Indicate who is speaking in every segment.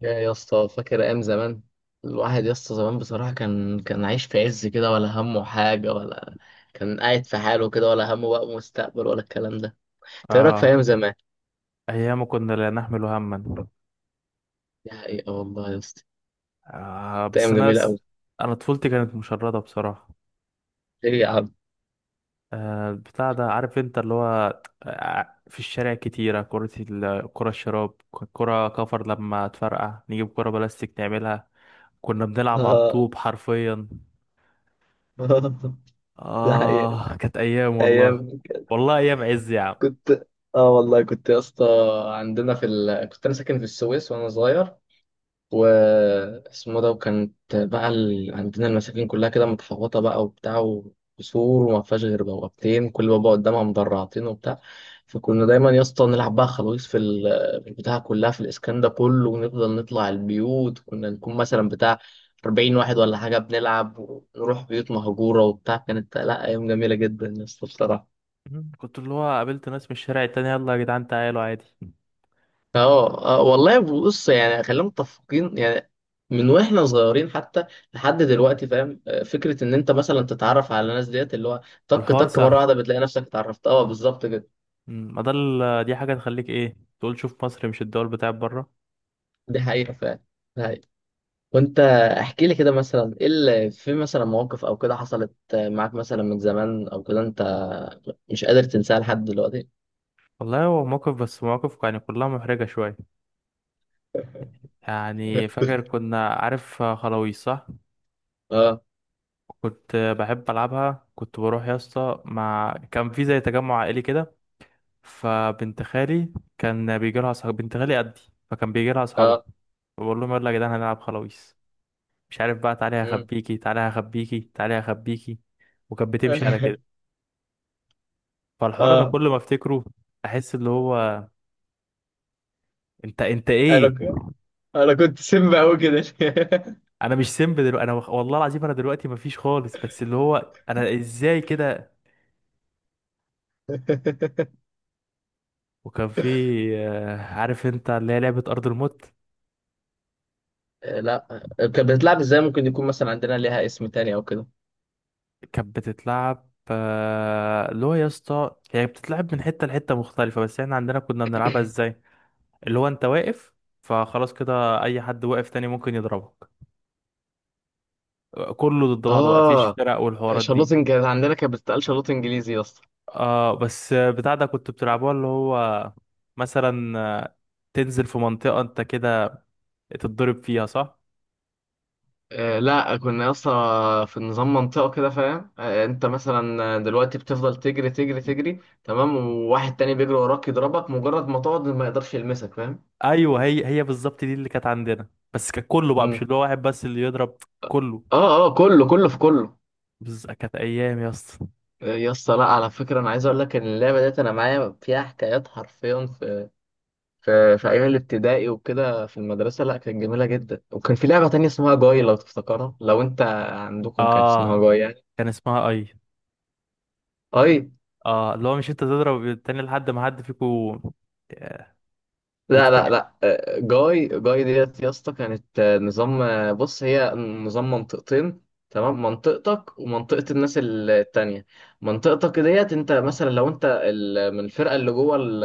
Speaker 1: يا اسطى فاكر ايام زمان الواحد يا اسطى زمان بصراحه كان عايش في عز كده ولا همه حاجه ولا كان قاعد في حاله كده ولا همه بقى مستقبل ولا الكلام ده. انت ايه رايك في
Speaker 2: اه،
Speaker 1: ايام زمان؟
Speaker 2: ايام كنا لا نحمل هما.
Speaker 1: دي حقيقه والله يا اسطى.
Speaker 2: آه
Speaker 1: كانت
Speaker 2: بس
Speaker 1: ايام جميله قوي.
Speaker 2: انا طفولتي كانت مشردة بصراحة.
Speaker 1: ايه يا عم.
Speaker 2: بتاع ده، عارف انت، اللي هو في الشارع كتيرة. كرة الشراب، كرة كفر لما تفرقع نجيب كرة بلاستيك نعملها. كنا بنلعب على
Speaker 1: اه.
Speaker 2: الطوب حرفيا.
Speaker 1: ده حقيقه.
Speaker 2: اه كانت ايام والله.
Speaker 1: ايام.
Speaker 2: والله ايام عز يا عم.
Speaker 1: كنت. اه والله كنت يا اسطى. عندنا كنت انا ساكن في السويس وانا صغير واسمه ده، وكانت بقى عندنا المساكن كلها كده متحوطة بقى وبتاع وسور، وما فيهاش غير بوابتين، كل بابا قدامها مدرعتين وبتاع. فكنا دايما يا اسطى نلعب بقى خلاويص في البتاع كلها في الاسكان ده كله، ونفضل نطلع البيوت، كنا نكون مثلا بتاع 40 واحد ولا حاجة، بنلعب ونروح بيوت مهجورة وبتاع. كانت لا أيام جميلة جدا يا اسطى بصراحة.
Speaker 2: مم. كنت اللي هو قابلت ناس من الشارع التاني، يلا يا جدعان تعالوا عادي.
Speaker 1: اه آه، والله بص يعني خلينا متفقين يعني من واحنا صغيرين حتى لحد دلوقتي فاهم، آه، فكره ان انت مثلا تتعرف على ناس ديت اللي هو طك
Speaker 2: الحوار
Speaker 1: طك
Speaker 2: سهل.
Speaker 1: مره واحده بتلاقي نفسك اتعرفت، اه بالظبط كده.
Speaker 2: مم، ما ده دي حاجة تخليك ايه تقول: شوف مصر مش الدول بتاعت بره.
Speaker 1: دي حقيقه فعلا. دي حقيقة. وانت احكي لي كده مثلا ايه اللي في مثلا مواقف او كده حصلت معاك مثلا من زمان او كده انت مش قادر تنساها لحد دلوقتي.
Speaker 2: والله هو موقف، بس مواقف يعني كلها محرجة شوية. يعني فاكر كنا، عارف، خلاويص صح؟
Speaker 1: اه.
Speaker 2: كنت بحب ألعبها. كنت بروح يا اسطى مع كان في زي تجمع عائلي كده. فبنت خالي كان بيجي لها أصحاب، بنت خالي قدي، فكان بيجي لها أصحابها.
Speaker 1: اه.
Speaker 2: بقول لهم يلا يا جدعان هنلعب خلاويص، مش عارف بقى، تعالي
Speaker 1: مم.
Speaker 2: هخبيكي تعالي هخبيكي تعالي هخبيكي. وكانت بتمشي على كده. فالحوار انا
Speaker 1: اه.
Speaker 2: كل ما افتكره احس اللي هو، انت
Speaker 1: انا
Speaker 2: ايه؟
Speaker 1: ك- انا كنت سم قوي كده.
Speaker 2: انا مش سيمب دلوقتي، انا والله العظيم انا دلوقتي مفيش خالص، بس اللي هو انا ازاي كده؟ وكان في عارف انت اللي هي لعبة ارض الموت.
Speaker 1: آه، لا. كانت بتتلعب ازاي؟ ممكن يكون مثلا عندنا ليها اسم تاني او كده.
Speaker 2: كانت بتتلعب اللي هو يا اسطى، هي بتتلعب من حتة لحتة مختلفة، بس احنا عندنا كنا بنلعبها ازاي، اللي هو انت واقف فخلاص كده، اي حد واقف تاني ممكن يضربك. كله ضد بعض بقى، مفيش
Speaker 1: اه
Speaker 2: فرق والحوارات دي.
Speaker 1: شلوت، كانت عندنا كانت بتتقال شلوت انجليزي يا اسطى.
Speaker 2: اه بس بتاع ده كنت بتلعبوها اللي هو مثلا تنزل في منطقة انت كده تتضرب فيها صح؟
Speaker 1: آه لا، كنا يا اسطى في نظام منطقه كده فاهم، آه، انت مثلا دلوقتي بتفضل تجري تجري تجري تمام، وواحد تاني بيجري وراك يضربك، مجرد ما تقعد ما يقدرش يلمسك، فاهم؟
Speaker 2: ايوه، هي بالظبط دي اللي كانت عندنا، بس كان كله بقى، مش
Speaker 1: مم.
Speaker 2: اللي هو واحد بس اللي يضرب، كله.
Speaker 1: اه اه، كله كله في كله.
Speaker 2: بس كانت ايام يا اسطى.
Speaker 1: آه، يا اسطى لا، على فكره انا عايز اقول لك ان اللعبه ديت انا معايا فيها حكايات حرفيا في ايام الابتدائي وكده في المدرسه، لا كانت جميله جدا. وكان في لعبه تانية اسمها جاي، لو تفتكرها، لو انت عندكم كان اسمها
Speaker 2: اه
Speaker 1: جاي يعني.
Speaker 2: كان اسمها اي.
Speaker 1: اي.
Speaker 2: اه اللي هو مش انت تضرب التاني لحد ما حد فيكو
Speaker 1: لا لا
Speaker 2: يتوجع.
Speaker 1: لا، آه، جاي جاي ديت يا اسطى كانت آه، نظام، آه، بص هي نظام منطقتين تمام، منطقتك ومنطقة الناس التانية. منطقتك ديت انت مثلا لو انت من الفرقة اللي جوه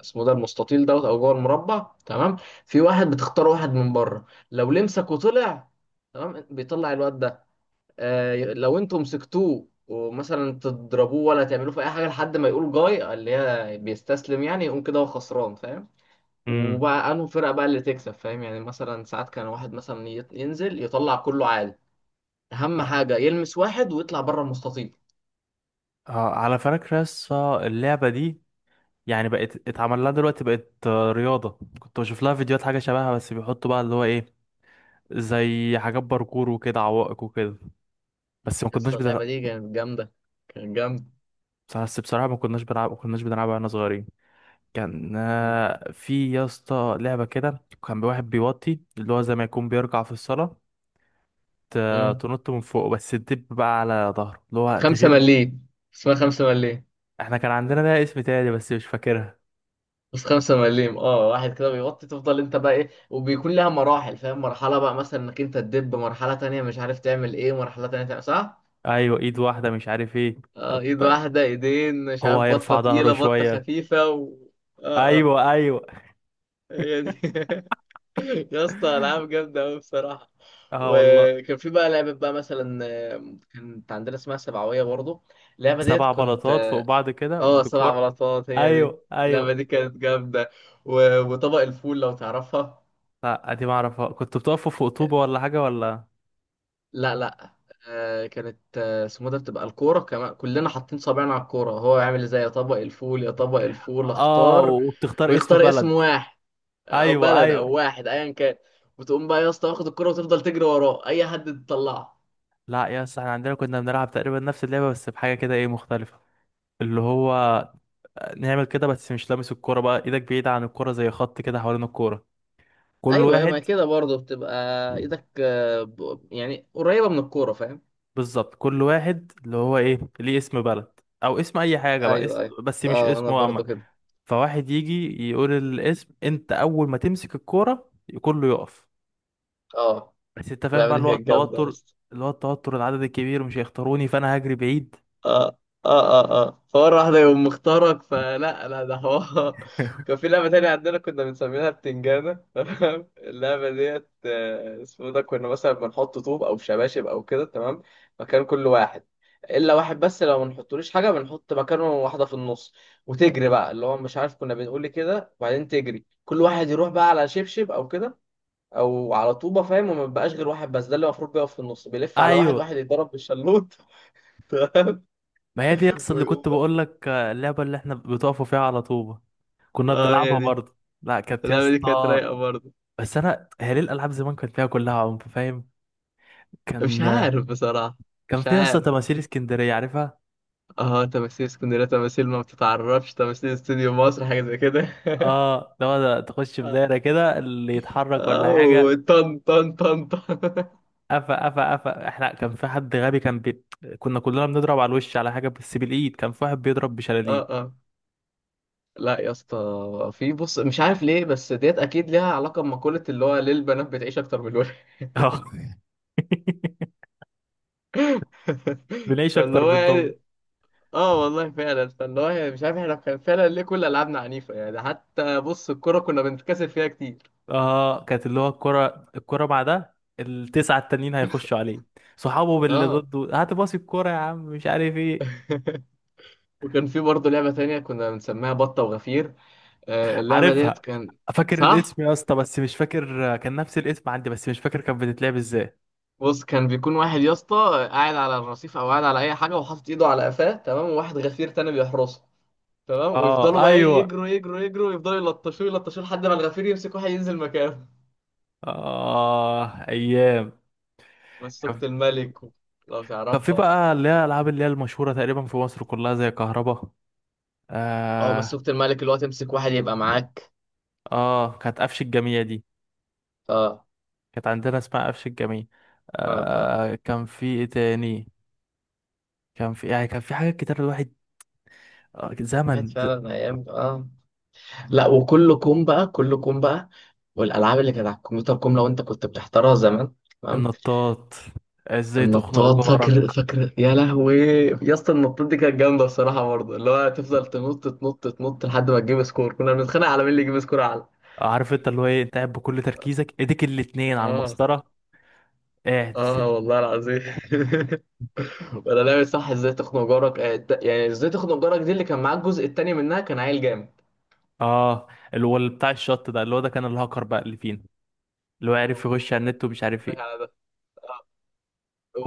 Speaker 1: اسمه ده المستطيل دوت او جوه المربع تمام. في واحد بتختار واحد من بره، لو لمسك وطلع تمام بيطلع الواد ده. آه، لو انتوا مسكتوه ومثلا تضربوه ولا تعملوه في اي حاجه لحد ما يقول جاي اللي هي بيستسلم يعني، يقوم كده هو خسران، فاهم.
Speaker 2: امم.
Speaker 1: وبقى انه فرقه بقى اللي تكسب فاهم. يعني مثلا ساعات كان واحد مثلا ينزل يطلع كله عالي، اهم
Speaker 2: آه.
Speaker 1: حاجه يلمس واحد ويطلع بره المستطيل.
Speaker 2: على فكرة يس، اللعبة دي يعني بقت اتعمل لها دلوقتي، بقت رياضة. كنت بشوف لها فيديوهات حاجة شبهها، بس بيحطوا بقى اللي هو ايه، زي حاجات باركور وكده، عوائق وكده. بس ما كناش
Speaker 1: لسه
Speaker 2: بتلعب.
Speaker 1: اللعبه دي كانت جامده. كانت جامده.
Speaker 2: بس بصراحة ما كناش بنلعب، ما كناش بنلعبها واحنا صغيرين. كان
Speaker 1: مم.
Speaker 2: في يا اسطى لعبة كده، كان واحد بيوطي اللي هو زي ما يكون بيرجع في الصلاة، ت-
Speaker 1: مم.
Speaker 2: تنط من فوق، بس تدب بقى على ظهره اللي هو
Speaker 1: خمسه
Speaker 2: تغير.
Speaker 1: مليم، اسمها خمسه مليم.
Speaker 2: احنا كان عندنا لها اسم تاني بس مش فاكرها.
Speaker 1: بس خمسة مليم، اه واحد كده بيغطي تفضل انت بقى ايه، وبيكون لها مراحل فاهم، مرحلة بقى مثلا انك انت تدب، مرحلة تانية مش عارف تعمل ايه، مرحلة تانية تعمل صح؟
Speaker 2: ايوه، ايد واحدة مش عارف ايه.
Speaker 1: اه
Speaker 2: طب
Speaker 1: ايد واحدة ايدين مش
Speaker 2: هو
Speaker 1: عارف، بطة
Speaker 2: هيرفع ظهره
Speaker 1: تقيلة بطة
Speaker 2: شوية.
Speaker 1: خفيفة و... اه اه.
Speaker 2: ايوه ايوه.
Speaker 1: هي دي. يا اسطى العاب جامدة اوي بصراحة.
Speaker 2: اه والله.
Speaker 1: وكان في بقى لعبة بقى مثلا، آه، كانت عندنا اسمها سبعوية برضو. اللعبة ديت
Speaker 2: سبع
Speaker 1: كنت.
Speaker 2: بلاطات فوق بعض كده
Speaker 1: اه سبع
Speaker 2: بكور.
Speaker 1: بلاطات هي دي.
Speaker 2: ايوه
Speaker 1: اللعبة
Speaker 2: ايوه.
Speaker 1: دي كانت جامدة. و... وطبق الفول لو تعرفها.
Speaker 2: لا دي ما اعرفها. كنت بتقفوا فوق طوبة ولا حاجة ولا؟
Speaker 1: لا لا. آه كانت آه، اسمه ده بتبقى الكورة، كمان كلنا حاطين صابعنا على الكورة، هو يعمل ازاي يطبق الفول، يطبق الفول
Speaker 2: اه
Speaker 1: اختار،
Speaker 2: وبتختار اسم
Speaker 1: ويختار
Speaker 2: بلد.
Speaker 1: اسم واحد او
Speaker 2: ايوه
Speaker 1: بلد او
Speaker 2: ايوه.
Speaker 1: واحد ايا كان. وتقوم بقى يا اسطى واخد الكورة وتفضل تجري وراه اي حد تطلعه.
Speaker 2: لا يا اسطى، احنا عندنا كنا بنلعب تقريبا نفس اللعبة، بس بحاجة كده ايه مختلفة، اللي هو نعمل كده بس مش لامس الكورة، بقى ايدك بعيدة عن الكورة، زي خط كده حوالين الكورة، كل
Speaker 1: ايوه،
Speaker 2: واحد.
Speaker 1: ما كده برضه بتبقى ايدك، آه، يعني قريبة من الكورة فاهم.
Speaker 2: بالظبط، كل واحد اللي هو ايه ليه اسم بلد او اسم اي حاجة بقى
Speaker 1: ايوه
Speaker 2: اسم،
Speaker 1: ايوه.
Speaker 2: بس مش
Speaker 1: اه انا
Speaker 2: اسمه عامة.
Speaker 1: برضه كده.
Speaker 2: فواحد يجي يقول الاسم، انت اول ما تمسك الكورة كله يقف،
Speaker 1: اه.
Speaker 2: بس انت فاهم
Speaker 1: اللعبة
Speaker 2: بقى
Speaker 1: دي
Speaker 2: اللي هو
Speaker 1: كانت جامدة يا
Speaker 2: التوتر،
Speaker 1: اسطى.
Speaker 2: اللي هو التوتر، العدد الكبير مش هيختاروني فانا هجري بعيد.
Speaker 1: اه اه اه. اه فمرة واحدة يقوم مختارك فلا. لا ده هو كان في لعبة تانية عندنا كنا بنسميها بتنجانة. تمام اللعبة ديت آه، اسمه ده كنا مثلا بنحط طوب أو شباشب أو كده تمام، مكان كل واحد إلا واحد بس، لو ما نحطلوش حاجة بنحط مكانه واحدة في النص. وتجري بقى اللي هو مش عارف كنا بنقول إيه كده، وبعدين تجري كل واحد يروح بقى على شبشب أو كده أو على طوبة فاهم. وما بيبقاش غير واحد بس ده اللي المفروض بيقف في النص، بيلف على واحد
Speaker 2: ايوه،
Speaker 1: واحد يتضرب بالشلوط. تمام
Speaker 2: ما هي دي اصل اللي كنت
Speaker 1: ويقوم.
Speaker 2: بقول لك اللعبه اللي احنا بتقفوا فيها على طوبه. كنا
Speaker 1: اه
Speaker 2: بنلعبها
Speaker 1: يعني.
Speaker 2: برضه. لا كانت يا
Speaker 1: اللعبة دي كانت
Speaker 2: اسطى،
Speaker 1: رايقة برضه.
Speaker 2: بس انا هي ليه الالعاب زمان كانت فيها كلها عنف فاهم؟
Speaker 1: مش
Speaker 2: كان
Speaker 1: عارف بصراحة.
Speaker 2: كان
Speaker 1: مش
Speaker 2: فيها يا اسطى
Speaker 1: عارف.
Speaker 2: تماثيل اسكندريه عارفها؟
Speaker 1: اه تماثيل اسكندرية، تماثيل ما بتتعرفش، تماثيل استوديو مصر حاجة زي كده.
Speaker 2: اه لو ده تخش في
Speaker 1: اه.
Speaker 2: دايره كده اللي يتحرك ولا حاجه.
Speaker 1: آه، طن طن طن طن.
Speaker 2: قفا قفا قفا. احنا كان في حد غبي كان كنا كلنا بنضرب على الوش على حاجه بس بالايد، كان في واحد بيضرب
Speaker 1: اه
Speaker 2: بشلاليه.
Speaker 1: اه. لا يا اسطى، في بص مش عارف ليه، بس ديت اكيد ليها علاقة بمقولة اللي هو ليه البنات بتعيش اكتر من الولد.
Speaker 2: اه. بنعيش
Speaker 1: فاللي
Speaker 2: اكتر
Speaker 1: هو
Speaker 2: منهم.
Speaker 1: يعني. اه والله فعلا، فاللي هو يعني مش عارف احنا كان فعلا ليه كل العابنا عنيفة يعني، حتى بص الكورة كنا بنتكسب فيها كتير.
Speaker 2: اه كانت اللي هو الكرة مع ده ال9 التانيين هيخشوا عليه صحابه، باللي
Speaker 1: اه.
Speaker 2: ضده، هات باصي الكرة يا عم مش عارف ايه.
Speaker 1: وكان في برضه لعبة تانية كنا بنسميها بطة وغفير. آه، اللعبة ديت
Speaker 2: عارفها،
Speaker 1: كان.
Speaker 2: فاكر
Speaker 1: صح.
Speaker 2: الاسم يا اسطى، بس مش فاكر كان نفس الاسم عندي، بس مش فاكر كانت بتتلعب ازاي.
Speaker 1: بص كان بيكون واحد يا اسطى قاعد على الرصيف او قاعد على اي حاجة وحاطط ايده على قفاه تمام، وواحد غفير تاني بيحرسه تمام، ويفضلوا
Speaker 2: اه
Speaker 1: بقى ايه
Speaker 2: ايوه.
Speaker 1: يجروا يجروا يجروا ويفضلوا يلطشوه يلطشوه لحد ما الغفير يمسك واحد ينزل مكانه.
Speaker 2: اه ايام. كان
Speaker 1: مسكت الملك لو
Speaker 2: كان في
Speaker 1: تعرفها.
Speaker 2: بقى اللي هي الالعاب اللي هي المشهورة تقريبا في مصر كلها، زي كهربا.
Speaker 1: اه
Speaker 2: اه.
Speaker 1: مسكت الملك، اللي هو تمسك واحد يبقى معاك.
Speaker 2: اه كانت قفش الجميع دي،
Speaker 1: اه.
Speaker 2: كانت عندنا اسمها قفش الجميع.
Speaker 1: اه اه،
Speaker 2: آه، كان في ايه تاني؟ كان في يعني، كان في حاجات كتير الواحد. آه،
Speaker 1: كانت
Speaker 2: زمن ز-
Speaker 1: فعلا ايام اه. لا، وكل كوم بقى، كل كوم بقى، والالعاب اللي كانت على الكمبيوتر كوم لو انت كنت بتحترها زمان تمام.
Speaker 2: النطاط، ازاي تخنق
Speaker 1: النطاط فاكر،
Speaker 2: جارك.
Speaker 1: فاكر يا لهوي. يا اسطى النطاط دي كانت جامده بصراحه برضه، اللي هو تفضل تنط تنط تنط لحد ما تجيب سكور، كنا بنتخانق على مين اللي يجيب سكور اعلى.
Speaker 2: عارف انت اللي هو ايه، انت قاعد بكل تركيزك، ايديك الاتنين على
Speaker 1: اه.
Speaker 2: المسطرة، قاعد.
Speaker 1: اه والله العظيم. ولا لعبه صح، ازاي تخنق جارك، آه، يعني ازاي تخنق جارك دي اللي كان معاك، الجزء التاني منها كان عيل جامد.
Speaker 2: اه، اللي هو اللي بتاع الشط ده، اللي هو ده كان الهاكر بقى اللي فينا، اللي هو عارف
Speaker 1: اه. هو
Speaker 2: يخش على
Speaker 1: ده
Speaker 2: النت
Speaker 1: أنا
Speaker 2: ومش
Speaker 1: بقول
Speaker 2: عارف
Speaker 1: لك
Speaker 2: ايه.
Speaker 1: على ده.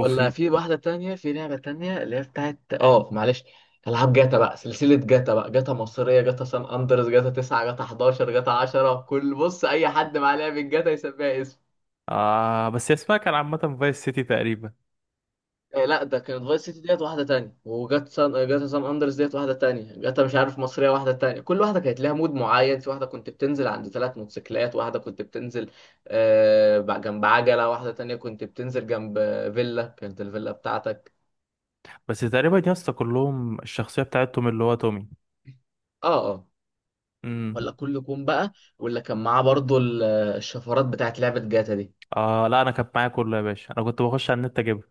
Speaker 1: ولا في واحدة تانية، في لعبة تانية اللي هي بتاعت اه معلش، ألعاب جاتا بقى، سلسلة جاتا بقى، جاتا مصرية، جاتا سان أندرس، جاتا 9، جاتا 11، جاتا 10، كل بص أي حد معاه لعبة جاتا يسميها اسم.
Speaker 2: بس هي اسمها كان عامة فايس سيتي تقريبا.
Speaker 1: آه لا ده كانت فايس سيتي، ديت واحدة تانية، وجاتا سان جاتا سان أندرس ديت واحدة تانية، جاتا مش عارف مصرية واحدة تانية، كل واحدة كانت لها مود معين، في واحدة كنت بتنزل عند ثلاث موتوسيكلات، واحدة كنت بتنزل آه جنب عجلة، واحدة تانية كنت بتنزل جنب فيلا، كانت الفيلا بتاعتك.
Speaker 2: بس تقريبا يا اسطى كلهم الشخصية بتاعتهم اللي هو تومي.
Speaker 1: اه اه.
Speaker 2: امم.
Speaker 1: ولا كله كوم بقى. واللي كان معاه برضو الشفرات بتاعت لعبة جاتا دي.
Speaker 2: اه لا انا كانت معايا كله يا باشا، انا كنت بخش على النت اجيبها.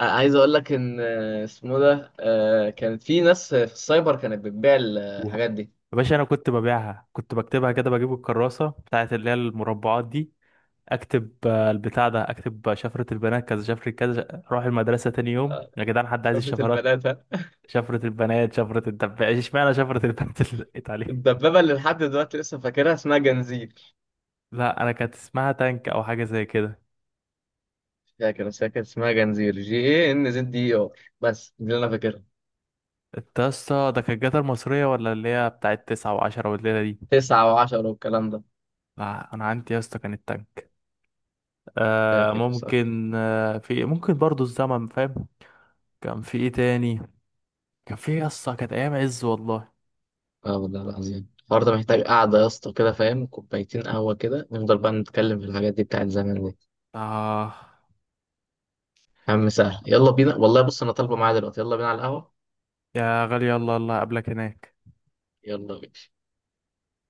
Speaker 1: آه، عايز اقول لك ان آه، اسمه ده آه، كانت في ناس في السايبر كانت بتبيع الحاجات دي.
Speaker 2: يا باشا انا كنت ببيعها، كنت بكتبها كده بجيب الكراسه بتاعت اللي هي المربعات دي، اكتب البتاع ده، اكتب شفره البنات كذا، شفره كذا، اروح المدرسه تاني يوم يا جدعان حد عايز
Speaker 1: شفرة
Speaker 2: الشفرات؟
Speaker 1: البنات ها؟
Speaker 2: شفره البنات، شفره الدبابه، اشمعنى شفره البنات اللي دقيت عليها؟
Speaker 1: الدبابة اللي لحد دلوقتي لسه فاكرها اسمها جنزير.
Speaker 2: لا انا كانت اسمها تانك او حاجه زي كده.
Speaker 1: مش فاكر بس هي كانت اسمها جنزير، GNZDR، بس دي اللي انا فاكرها.
Speaker 2: انت يا اسطى ده كانت جاتا المصريه ولا اللي هي بتاعت 9 و10 والليله دي؟
Speaker 1: تسعة وعشرة والكلام ده.
Speaker 2: لا انا عندي يا اسطى كانت تانك.
Speaker 1: مش
Speaker 2: آه
Speaker 1: فاكر بصراحة.
Speaker 2: ممكن، آه في ممكن برضو الزمن فاهم. كان في ايه تاني؟ كان في يا اسطى كانت ايام عز والله.
Speaker 1: اه والله العظيم الحوار ده محتاج قعدة يا اسطى كده فاهم، كوبايتين قهوة كده نفضل بقى نتكلم في الحاجات دي بتاعت زمان دي.
Speaker 2: اه
Speaker 1: يا عم سهل، يلا بينا والله، بص انا طالبه معايا دلوقتي، يلا بينا على القهوه.
Speaker 2: يا غالي، الله الله قبلك هناك.
Speaker 1: يلا بينا.